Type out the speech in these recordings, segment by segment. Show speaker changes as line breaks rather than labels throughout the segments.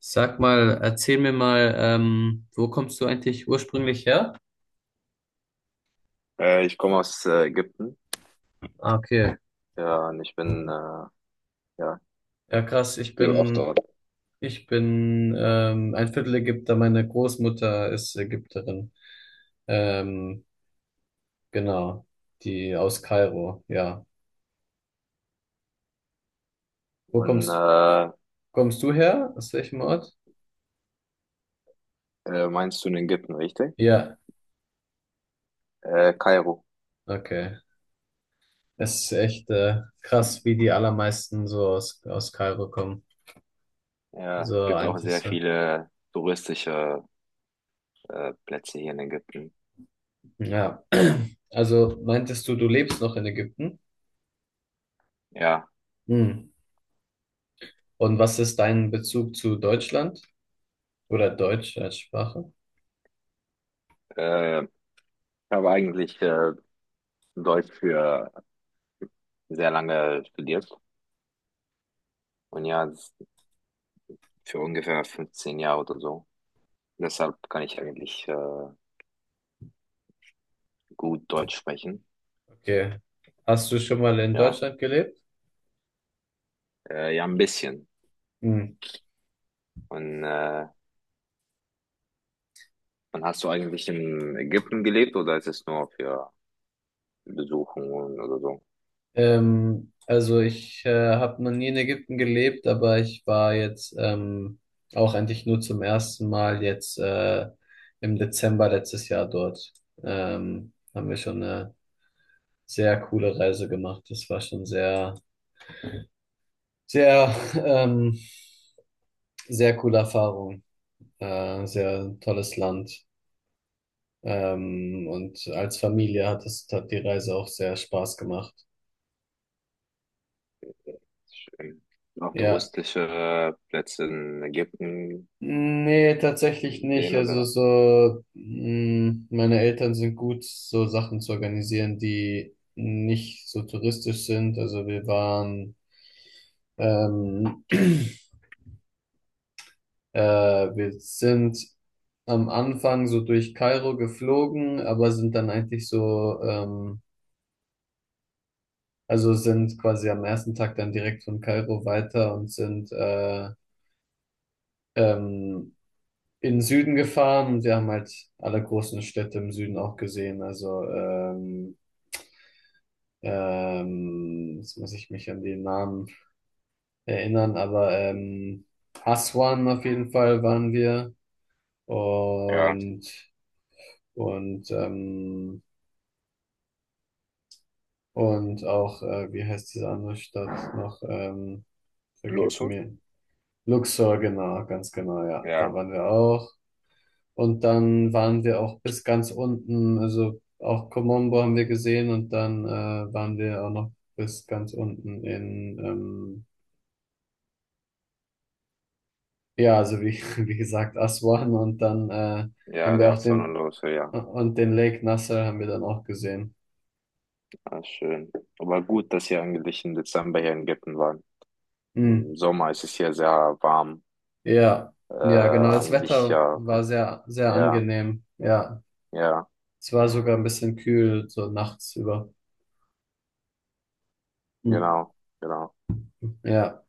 Sag mal, erzähl mir mal, wo kommst du eigentlich ursprünglich her?
Ich komme aus Ägypten.
Ah, okay.
Ja, und ich bin, ja,
Ja, krass.
ich
Ich
lebe auch
bin,
dort.
ich bin ähm, ein Viertel Ägypter. Meine Großmutter ist Ägypterin. Ähm, genau. Die aus Kairo, ja. Wo
Und
kommst, kommst du her? Aus welchem Ort?
meinst du in Ägypten, richtig?
Ja,
Kairo.
okay. Es ist echt krass, wie die allermeisten so aus Kairo kommen.
Ja, es
Also
gibt auch
eigentlich
sehr
so.
viele touristische Plätze hier in Ägypten.
Ja. Also meintest du, du lebst noch in Ägypten?
Ja,
Hm. Und was ist dein Bezug zu Deutschland oder Deutsch als Sprache?
ich habe eigentlich Deutsch für sehr lange studiert. Und ja, für ungefähr 15 Jahre oder so. Deshalb kann ich eigentlich gut Deutsch sprechen.
Okay. Hast du schon mal in
Ja,
Deutschland gelebt?
ja, ein bisschen.
Hm.
Und äh, Und hast du eigentlich in Ägypten gelebt oder ist es nur für Besuchungen oder so?
Also ich habe noch nie in Ägypten gelebt, aber ich war jetzt auch eigentlich nur zum ersten Mal jetzt im Dezember letztes Jahr dort. Haben wir schon eine sehr coole Reise gemacht. Das war schon sehr, ähm, sehr coole Erfahrung. Sehr tolles Land. Und als Familie hat die Reise auch sehr Spaß gemacht.
Ähm, Noch
Ja,
touristische Plätze in Ägypten
nee, tatsächlich nicht.
sehen
Also
oder?
so, mh, meine Eltern sind gut, so Sachen zu organisieren, die nicht so touristisch sind. Ähm, äh, wir sind am Anfang so durch Kairo geflogen, aber sind dann eigentlich also sind quasi am ersten Tag dann direkt von Kairo weiter und sind, ähm, in den Süden gefahren und wir haben halt alle großen Städte im Süden auch gesehen. Jetzt muss ich mich an den Namen erinnern, aber Aswan auf jeden Fall waren wir
Ja.
und und ähm, und auch, wie heißt diese andere Stadt noch?
Los.
Vergib mir. Luxor, genau, ganz genau, ja. Da
Ja,
waren wir auch. Und dann waren wir auch bis ganz unten, also auch Komombo haben wir gesehen und dann waren wir auch noch bis ganz unten in, ja, also wie gesagt, Aswan und dann
ja,
haben wir
ja,
auch den,
Sonnenlose, ja.
und den Lake Nasser haben wir dann auch gesehen.
Ah, schön. Aber gut, dass ihr eigentlich im Dezember hier in Ägypten waren.
Hm.
Im Sommer ist es hier sehr warm.
Ja, ja, genau, das
Eigentlich,
Wetter
ja,
war sehr, sehr
ja,
angenehm. Ja,
ja,
es war sogar ein bisschen kühl, so nachts über. Hm.
genau, genau.
Ja,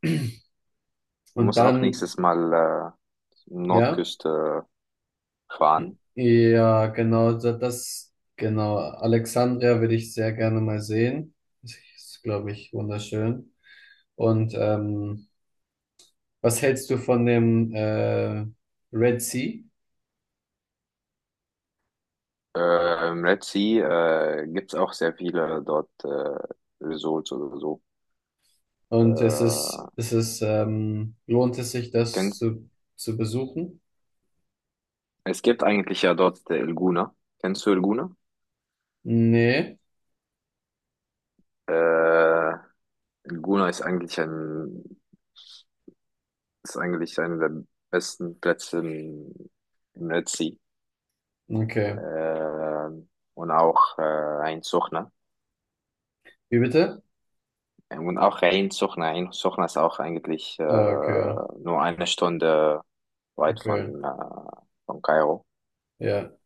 Du
und
musst auch
dann,
nächstes Mal
ja.
Nordküste fahren.
Ja, genau, genau. Alexandria würde ich sehr gerne mal sehen. Das ist, glaube ich, wunderschön. Und was hältst du von dem Red Sea?
Red Sea gibt's auch sehr viele dort Resorts oder so.
Und
Äh,
lohnt es sich,
kennst,
zu besuchen?
es gibt eigentlich ja dort El Guna. Kennst du El Guna?
Nee.
Äh, El Guna ist eigentlich einer der besten Plätze im Red Sea.
Okay.
Äh, und auch Ein Suchna.
Wie bitte?
Und auch ein Suchna. Ein Suchna ist auch eigentlich
Okay,
nur eine Stunde weit
okay.
von Kairo.
Ja.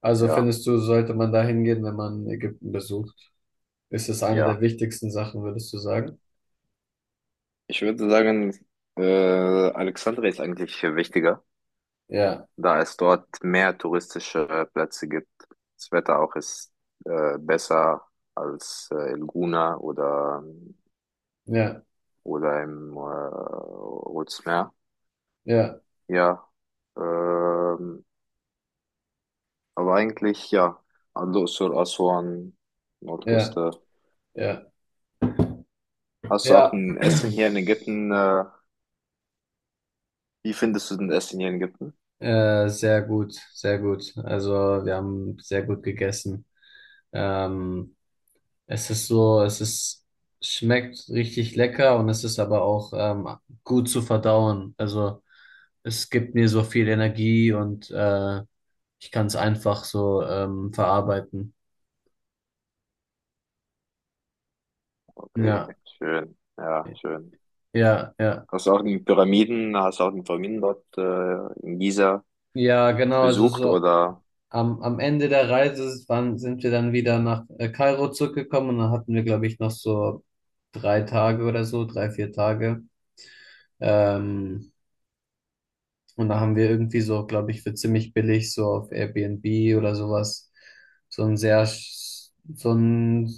Also
Ja,
findest du, sollte man da hingehen, wenn man Ägypten besucht? Ist es eine der
ja.
wichtigsten Sachen, würdest du sagen?
Ich würde sagen, äh, Alexandria ist eigentlich wichtiger,
Ja,
da es dort mehr touristische Plätze gibt. Das Wetter auch ist besser als in Guna
ja,
oder im Rotes Meer.
ja.
Ja, ähm, aber eigentlich ja, Al-Dursur, Aswan,
Ja,
Nordküste.
ja,
Hast du auch
ja,
ein Essen hier in Ägypten? Wie findest du denn Essen hier in Ägypten?
sehr gut, sehr gut. Also wir haben sehr gut gegessen. Ähm, es ist es ist, schmeckt richtig lecker und es ist aber auch gut zu verdauen. Also es gibt mir so viel Energie und ich kann es einfach so verarbeiten.
Okay,
Ja,
schön. Ja, schön.
ja, ja.
Hast du auch die Pyramiden dort in Giza
Ja, genau, also
besucht
so.
oder?
Am Ende der Reise sind wir dann wieder nach Kairo zurückgekommen und dann hatten wir, glaube ich, noch so drei Tage oder so, drei, vier Tage. Ähm, und da haben wir irgendwie so, glaube ich, für ziemlich billig so auf Airbnb oder sowas so ein sehr, sch- so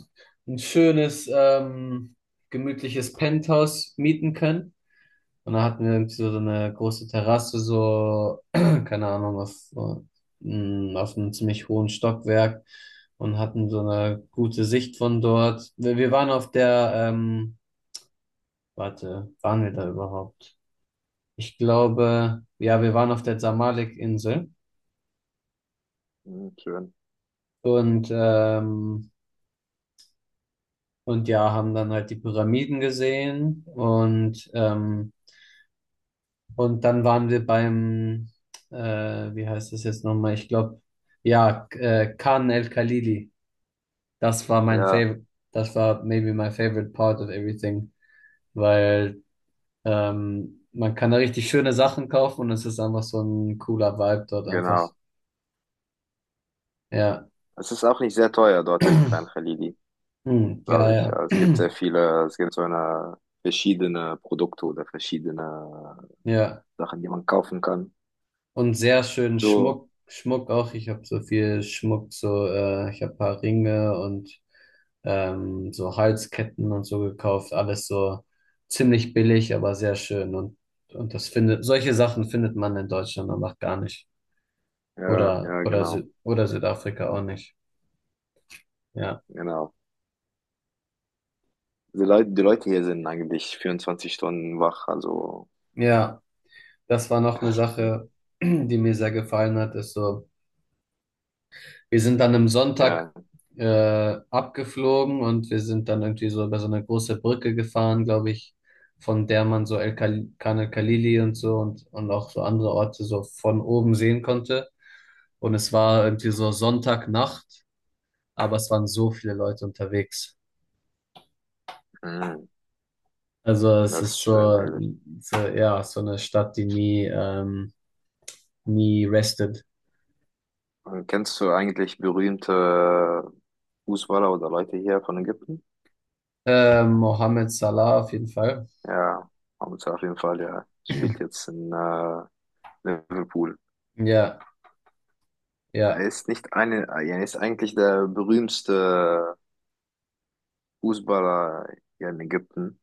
ein schönes, gemütliches Penthouse mieten können. Und da hatten wir irgendwie so eine große Terrasse, so, keine Ahnung, auf einem ziemlich hohen Stockwerk und hatten so eine gute Sicht von dort. Wir waren auf der, warte, waren wir da überhaupt? Ich glaube, ja, wir waren auf der Zamalek-Insel
Hm, schön.
und, ja, haben dann halt die Pyramiden gesehen und, und dann waren wir beim, äh, wie heißt das jetzt nochmal? Ich glaube, ja, Khan El Khalili. Das war mein
Ja,
favorite, das war maybe my favorite part of everything, weil man kann da richtig schöne Sachen kaufen und es ist einfach so ein cooler Vibe dort einfach.
genau.
Ja,
Es ist auch nicht sehr teuer dort in Khan Khalili,
hm, ja,
glaube ich.
ja,
Ja, es gibt sehr viele, es gibt so eine verschiedene Produkte oder verschiedene
ja.
Sachen, die man kaufen kann.
Und sehr schön
So,
Schmuck, Schmuck auch. Ich habe so viel Schmuck, so ich habe ein paar Ringe und so Halsketten und so gekauft. Alles so ziemlich billig, aber sehr schön. Und solche Sachen findet man in Deutschland einfach gar nicht.
ja,
Oder,
ja,
oder,
genau,
Sü oder Südafrika auch nicht. Ja.
genau. Die Leute hier sind eigentlich 24 Stunden wach, also
Ja, das war noch eine Sache, die mir sehr gefallen hat, ist so, wir sind dann am Sonntag
ja,
abgeflogen und wir sind dann irgendwie so über so eine große Brücke gefahren, glaube ich, von der man so El Kal- Khan el-Khalili und so und auch so andere Orte so von oben sehen konnte. Und es war irgendwie so Sonntagnacht, aber es waren so viele Leute unterwegs.
mhm.
Also es
Das
ist
ist schön
so,
eigentlich.
so ja, so eine Stadt, die nie restet.
Kennst du eigentlich berühmte Fußballer oder Leute hier von Ägypten?
Mohammed Salah auf jeden Fall.
Ja, Hamza auf jeden Fall, ja. Spielt jetzt in Liverpool.
Ja,
Er
ja.
ist nicht eine, er ist eigentlich der berühmste Fußballer hier in Ägypten.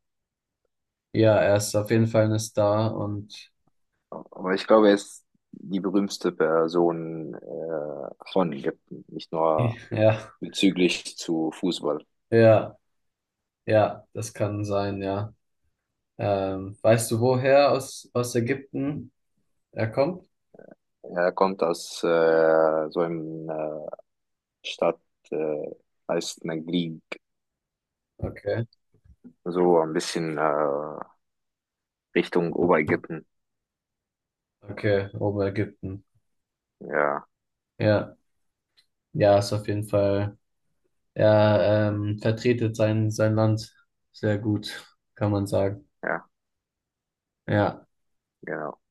Ja, er ist auf jeden Fall eine Star und
Aber ich glaube, er ist die berühmteste Person von Ägypten, nicht nur
ja,
bezüglich zu Fußball.
ja, ja, das kann sein, ja. Weißt du, woher aus Ägypten er kommt?
Er kommt aus so einem Stadt, äh, heißt Naglib.
Okay,
So ein bisschen Richtung Oberägypten.
okay, Oberägypten.
Ja,
Ja, ja, ist auf jeden Fall. Er vertretet sein Land sehr gut, kann man sagen.
ja,
Ja.
genau.